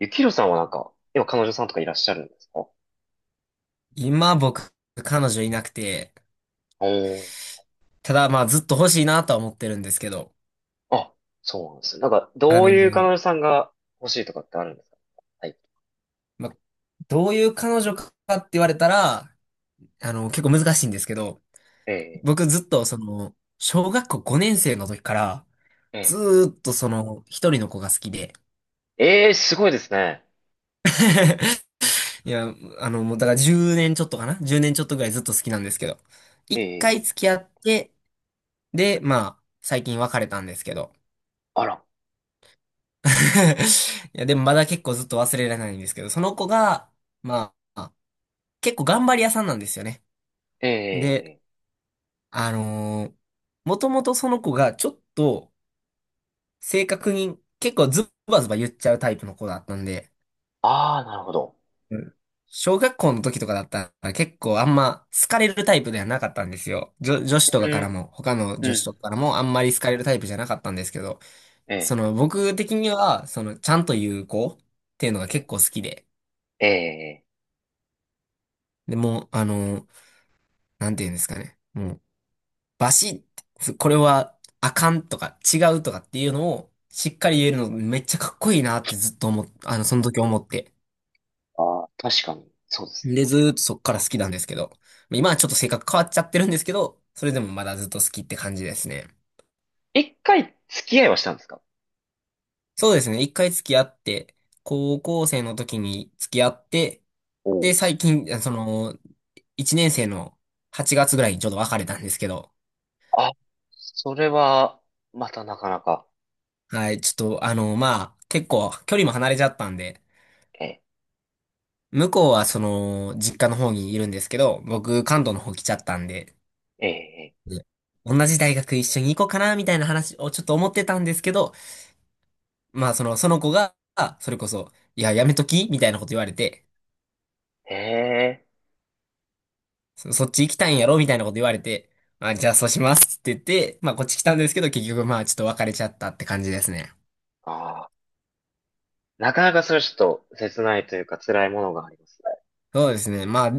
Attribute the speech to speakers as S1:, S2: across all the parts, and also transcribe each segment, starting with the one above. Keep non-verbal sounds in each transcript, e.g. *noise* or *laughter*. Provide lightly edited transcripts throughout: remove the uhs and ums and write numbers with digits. S1: ゆきひろさんはなんか、今彼女さんとかいらっしゃるんですか？
S2: 今僕、彼女いなくて、
S1: おー。
S2: ただまあずっと欲しいなとは思ってるんですけど、
S1: あ、そうなんですね。なんか、
S2: あ
S1: どう
S2: の、
S1: いう彼女さんが欲しいとかってあるんですか？はい。
S2: まあ、どういう彼女かって言われたら、結構難しいんですけど、
S1: ええ、
S2: 僕ずっと小学校5年生の時から、
S1: え
S2: ず
S1: え、
S2: ーっと一人の子が好きで。
S1: えーすごいですね。
S2: *laughs* いや、もうだから10年ちょっとかな1年ちょっとぐらいずっと好きなんですけど、
S1: え
S2: 一回
S1: え、
S2: 付き合って、で、まあ、最近別れたんですけど、
S1: あら。
S2: *laughs* いや、でもまだ結構ずっと忘れられないんですけど、その子が、まあ、結構頑張り屋さんなんですよね。
S1: え
S2: で、
S1: え、
S2: あのもともとその子がちょっと正確に結構ズバズバ言っちゃうタイプの子だったんで、
S1: ああ、なるほど。
S2: うん、小学校の時とかだったら結構あんま好かれるタイプではなかったんですよ。女子と
S1: う
S2: かから
S1: ん、
S2: も、他の
S1: う
S2: 女子と
S1: ん、
S2: かからもあんまり好かれるタイプじゃなかったんですけど、
S1: ええ、
S2: 僕的には、ちゃんと言う子っていうのが
S1: え
S2: 結構好きで、
S1: え、ええ。
S2: でも、なんて言うんですかね。もう、バシッて、これはあかんとか違うとかっていうのをしっかり言えるのめっちゃかっこいいなってずっと思っ、あの、その時思って。
S1: ああ、確かに、そうですね。
S2: で、ずーっとそっから好きなんですけど。今はちょっと性格変わっちゃってるんですけど、それでもまだずっと好きって感じですね。
S1: 一回付き合いはしたんですか？
S2: そうですね。一回付き合って、高校生の時に付き合って、
S1: おお
S2: で、
S1: ー。
S2: 最近、その、一年生の8月ぐらいにちょうど別れたんですけど、
S1: あ、それは、またなかなか、
S2: はい、ちょっと、まあ、結構距離も離れちゃったんで、
S1: ええ、
S2: 向こうは実家の方にいるんですけど、僕、
S1: え
S2: 関東の方来ちゃったんで、
S1: え、え
S2: ね、同じ大学一緒に行こうかな、みたいな話をちょっと思ってたんですけど、まあ、その子が、それこそ、いや、やめときみたいなこと言われて、
S1: え、ええ、
S2: そっち行きたいんやろみたいなこと言われて、あ、じゃあそうしますって言って、まあ、こっち来たんですけど、結局、まあ、ちょっと別れちゃったって感じですね。
S1: ああ。なかなかそれはちょっと切ないというか辛いものがありますね。
S2: そうですね。まあ、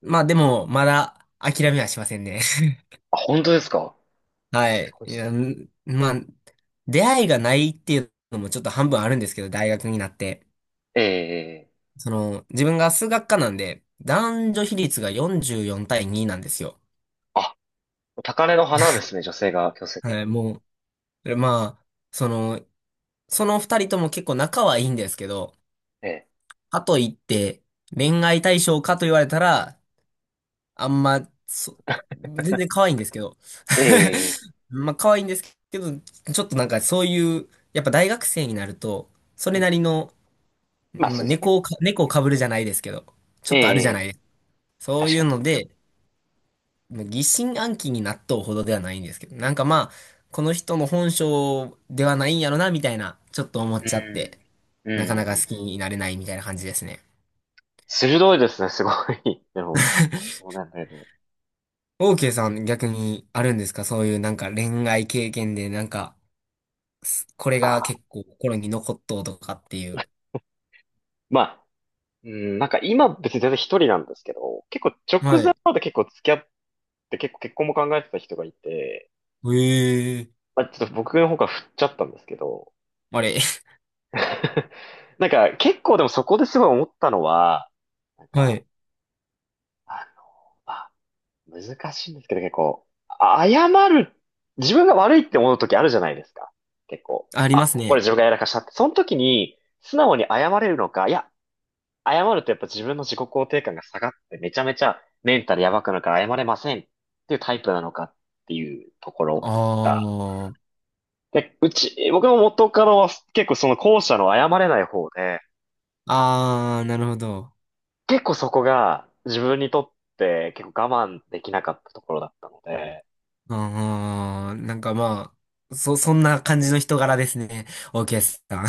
S2: まあ、でも、まだ、諦めはしませんね。
S1: あ、本当ですか？
S2: は
S1: す
S2: い。
S1: ごい
S2: い
S1: です
S2: や、
S1: ね。
S2: 出会いがないっていうのもちょっと半分あるんですけど、大学になって。
S1: ええ。
S2: その、自分が数学科なんで、男女比率が44対2なんですよ。
S1: あ、高嶺の花ですね、女性が強制的
S2: はい、
S1: に。
S2: もう、まあ、その、その二人とも結構仲はいいんですけど、
S1: え
S2: かといって、恋愛対象かと言われたら、あんま、そ、全然可愛いんですけど。
S1: えええ。
S2: *laughs* まあ、可愛いんですけど、ちょっとなんかそういう、やっぱ大学生になると、そ
S1: うん
S2: れ
S1: う
S2: なり
S1: ん。
S2: の、
S1: まあ
S2: まあ、
S1: そうですね。
S2: 猫をかぶるじゃないですけど、ちょ
S1: え
S2: っとあるじ
S1: え
S2: ゃない
S1: え。
S2: ですか。そう
S1: 確
S2: い
S1: か
S2: う
S1: に。
S2: ので、まあ疑心暗鬼になっとうほどではないんですけど、なんかまあ、この人の本性ではないんやろな、みたいな、ちょっと思っ
S1: う
S2: ちゃって、
S1: ん。うん、
S2: なかなか
S1: う
S2: 好
S1: ん、う
S2: き
S1: ん。
S2: になれないみたいな感じですね。
S1: 鋭いですね、すごい。でも、もうなんかね、
S2: オーケーさん逆にあるんですか？そういうなんか恋愛経験で、なんか、これ
S1: あ
S2: が結
S1: ー、
S2: 構心に残っとうとかっていう。
S1: まあ、うん、なんか今別に全然一人なんですけど、結構直
S2: は
S1: 前
S2: い。
S1: まで結構付き合って結構結婚も考えてた人がいて、
S2: ええー、
S1: まあ、ちょっと僕の方から振っちゃったんですけど、
S2: あれ。
S1: *laughs* なんか、結構でもそこですごい思ったのは、なん
S2: *laughs* は
S1: か、
S2: い。
S1: あの、まあ、難しいんですけど、結構、あ謝る、自分が悪いって思う時あるじゃないですか。結構、
S2: *laughs* あり
S1: あ、
S2: ます
S1: これ
S2: ね。
S1: 自分がやらかしたって。その時に、素直に謝れるのか、いや、謝るとやっぱ自分の自己肯定感が下がって、めちゃめちゃメンタルやばくなるから謝れませんっていうタイプなのかっていうところ
S2: あ
S1: が。
S2: あ。
S1: で、僕も元からは結構その後者の謝れない方で、
S2: ああ、なるほど。
S1: 結構そこが自分にとって結構我慢できなかったところだったので、
S2: ああ、なんかまあ、そんな感じの人柄ですね。オー OK さん。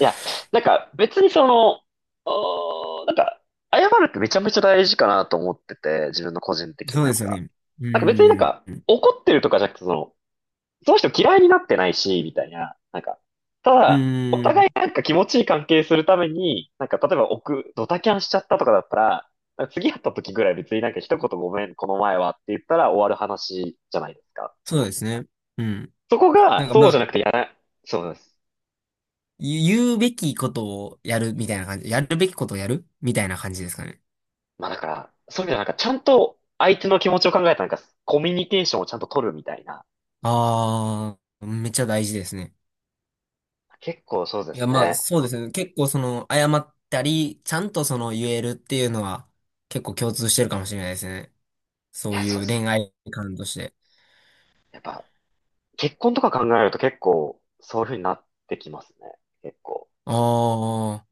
S1: いや、なんか別になんか、謝るってめちゃめちゃ大事かなと思ってて、自分の個人
S2: *laughs*
S1: 的に
S2: そう
S1: な
S2: で
S1: ん
S2: すよ
S1: か。
S2: ね。う
S1: なんか別になん
S2: ー
S1: か
S2: ん。
S1: 怒ってるとかじゃなくて、その人嫌いになってないし、みたいな。なんか、た
S2: う
S1: だ、お
S2: ーん。
S1: 互いなんか気持ちいい関係するために、なんか例えばドタキャンしちゃったとかだったら、なんか次会った時ぐらい別になんか一言ごめん、この前はって言ったら終わる話じゃないですか。
S2: そうですね。うん。
S1: そこ
S2: な
S1: が、
S2: んかま
S1: そうじ
S2: あ、
S1: ゃなくてやら、そうです。
S2: 言うべきことをやるみたいな感じ。やるべきことをやるみたいな感じですかね。
S1: まあだから、そういう意味ではなんかちゃんと相手の気持ちを考えたなんかコミュニケーションをちゃんと取るみたいな感じ。
S2: ああ、めっちゃ大事ですね。
S1: 結構そうで
S2: いや
S1: す
S2: まあ、
S1: ね。
S2: そうですね。結構謝ったり、ちゃんと言えるっていうのは、結構共通してるかもしれないですね。
S1: い
S2: そう
S1: や、そう
S2: いう
S1: です。
S2: 恋愛観として。
S1: やっぱ、結婚とか考えると結構、そういう風になってきますね。結構。
S2: ああ。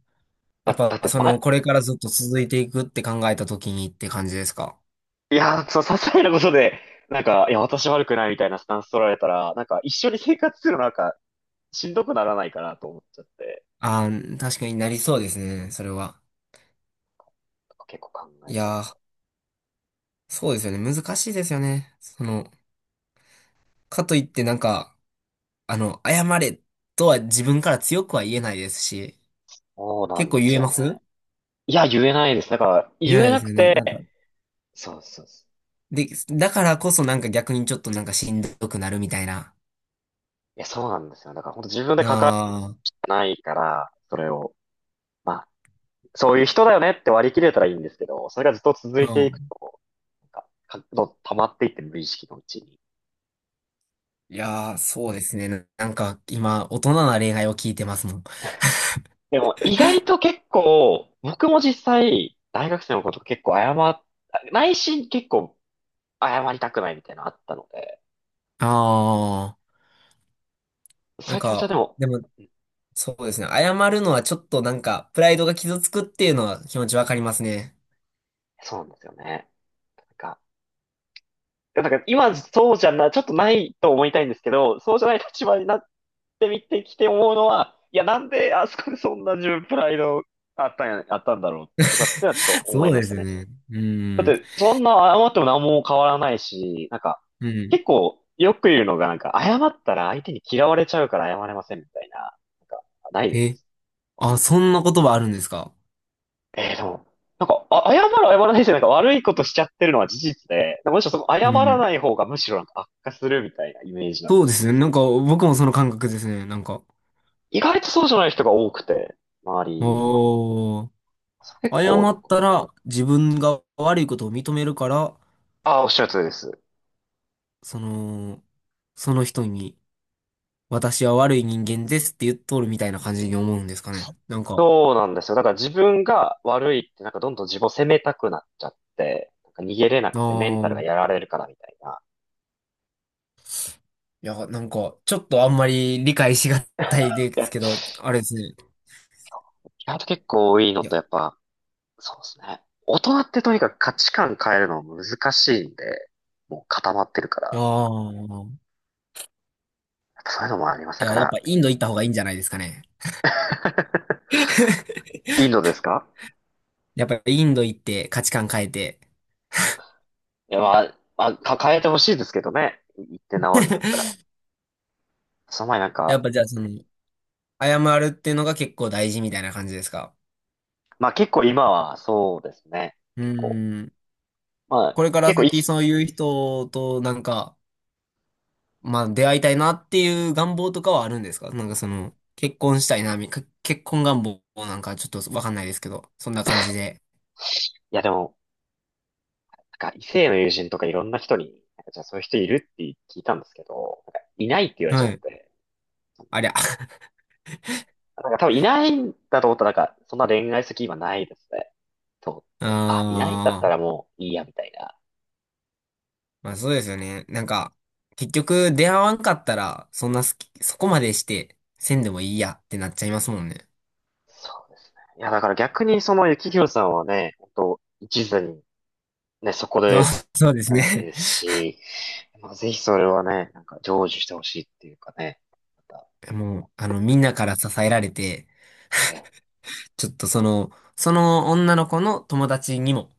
S2: やっ
S1: だ、だ
S2: ぱ、
S1: って前、
S2: これからずっと続いていくって考えた時にって感じですか？
S1: いやー、そう、些細なことで、なんか、いや、私悪くないみたいなスタンス取られたら、なんか一緒に生活するのなんか、しんどくならないかなと思っちゃって、
S2: ああー、確かになりそうですね、それは。
S1: 結構考え
S2: い
S1: ちゃう。
S2: やー、そうですよね。難しいですよね。その、かといってなんか、謝れとは自分から強くは言えないですし、
S1: そうな
S2: 結
S1: ん
S2: 構
S1: で
S2: 言
S1: す
S2: え
S1: よ
S2: ま
S1: ね。
S2: す？
S1: いや、言えないです。だから、
S2: 言え
S1: 言
S2: な
S1: え
S2: いで
S1: な
S2: す
S1: く
S2: よね。
S1: て、
S2: なんか、
S1: そうそうそう。
S2: で、だからこそなんか逆にちょっとなんかしんどくなるみたいな。
S1: いや、そうなんですよ。だから、本当自分で関わ
S2: あ
S1: らないから、それを、まあ、そういう人だよねって割り切れたらいいんですけど、それがずっと続
S2: あ、
S1: いて
S2: う
S1: いく
S2: ん。
S1: と、なんか、どんどん溜まっていって無意識のうちに。
S2: い
S1: なんか
S2: やー、そうですね。なんか、今、大人な恋愛を聞いてますもん。
S1: でも、意外と結構、僕も実際、大学生のこと結構謝っ、内心結構謝りたくないみたいなのあったので、
S2: ああ、
S1: そ
S2: なん
S1: ういう気持ちはで
S2: か、
S1: も、
S2: でも、
S1: うん。
S2: そうですね。謝るのはちょっとなんか、プライドが傷つくっていうのは気持ちわかりますね。
S1: そうなんですよね。なんかだから今そうじゃな、ちょっとないと思いたいんですけど、そうじゃない立場になってみてきて思うのは、いや、なんであそこでそんな自分プライドあったんや、あったんだろうとかってのはちょっと
S2: *laughs*
S1: 思
S2: そ
S1: い
S2: う
S1: ま
S2: で
S1: した
S2: すよ
S1: ね。
S2: ね。う
S1: だっ
S2: ん。
S1: て、そんな謝っても何も変わらないし、なんか、
S2: うん。
S1: 結構よく言うのが、なんか、謝ったら相手に嫌われちゃうから謝れませんみたいな、なんか、ないで
S2: え、
S1: す。
S2: あ、そんな言葉あるんですか？
S1: でも、なんか、あ、謝る謝らないじゃなんか悪いことしちゃってるのは事実で、むしろその
S2: う
S1: 謝ら
S2: ん。
S1: ない方がむしろなんか悪化するみたいなイメージなん
S2: そ
S1: で。
S2: うですね。なんか、僕もその感覚ですね。なんか、
S1: 意外とそうじゃない人が多くて、周りに。
S2: おー、
S1: 結
S2: 謝
S1: 構、なん
S2: っ
S1: か、
S2: たら自分が悪いことを認めるから、
S1: ああ、おっしゃる通りです。
S2: その、その人に、私は悪い人間ですって言っとるみたいな感じに思うんですかね。なんか、
S1: そうなんですよ。だから自分が悪いって、なんかどんどん自分を責めたくなっちゃって、なんか逃げれな
S2: あ
S1: くてメンタルが
S2: ー
S1: やられるからみたいな。
S2: いや、なんか、ちょっとあんまり理解しがたいで
S1: い
S2: す
S1: や、
S2: けど、あれですね。
S1: 意外と結構多いの
S2: いや、
S1: と、やっぱ、そうですね。大人ってとにかく価値観変えるの難しいんで、もう固まってるから、や
S2: ああ。
S1: っぱそういうのもあります。
S2: い
S1: だか
S2: や、やっぱ
S1: ら、
S2: インド行った方がいいんじゃないですかね。
S1: *laughs*
S2: *laughs*
S1: インドですか？
S2: やっぱインド行って価値観変えて、
S1: いや、まあ、まあ、変えてほしいですけどね。行って治るんだったら。その前なん
S2: や
S1: か、
S2: っぱじゃあ謝るっていうのが結構大事みたいな感じですか。
S1: まあ結構今はそうですね。
S2: う
S1: 結構。
S2: ーん。これから先
S1: い
S2: そういう人となんか、まあ出会いたいなっていう願望とかはあるんですか？なんか結婚したいな、結婚願望なんかちょっとわかんないですけど、そんな感じで。
S1: やでも、なんか異性の友人とかいろんな人に、なんかじゃあそういう人いるって聞いたんですけど、なんかいないって言われちゃ
S2: は
S1: っ
S2: い。
S1: て、そんな、
S2: ありゃ。*laughs* あ
S1: なんか多分いないんだと思ったらなんかそんな恋愛先き今ないですね。と思って。あ、いないんだっ
S2: あ。
S1: たらもういいやみたいな。
S2: まあそうですよね。なんか、結局出会わんかったら、そんな好き、そこまでして、せんでもいいやってなっちゃいますもんね。
S1: そうですね。いやだから逆にその幸宏さんはね、本当一途にね、そこ
S2: そう、
S1: で、
S2: *laughs* そうです
S1: なわけ
S2: ね。
S1: ですし、まあ、ぜひそれはね、なんか成就してほしいっていうかね、また
S2: *laughs* もう、みんなから支えられて、
S1: ね、
S2: ちょっとその女の子の友達にも、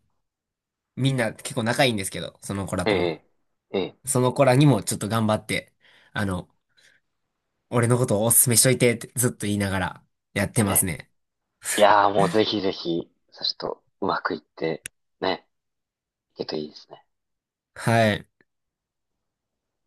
S2: みんな結構仲いいんですけど、その子ら
S1: え
S2: とも。
S1: え、ええ、
S2: その子らにもちょっと頑張って、あの、俺のことをおすすめしといてってずっと言いながらやってます
S1: ね。
S2: ね。
S1: いやーもうぜひぜひ、さしとうまくいって、ね、いけるといいですね。
S2: はい。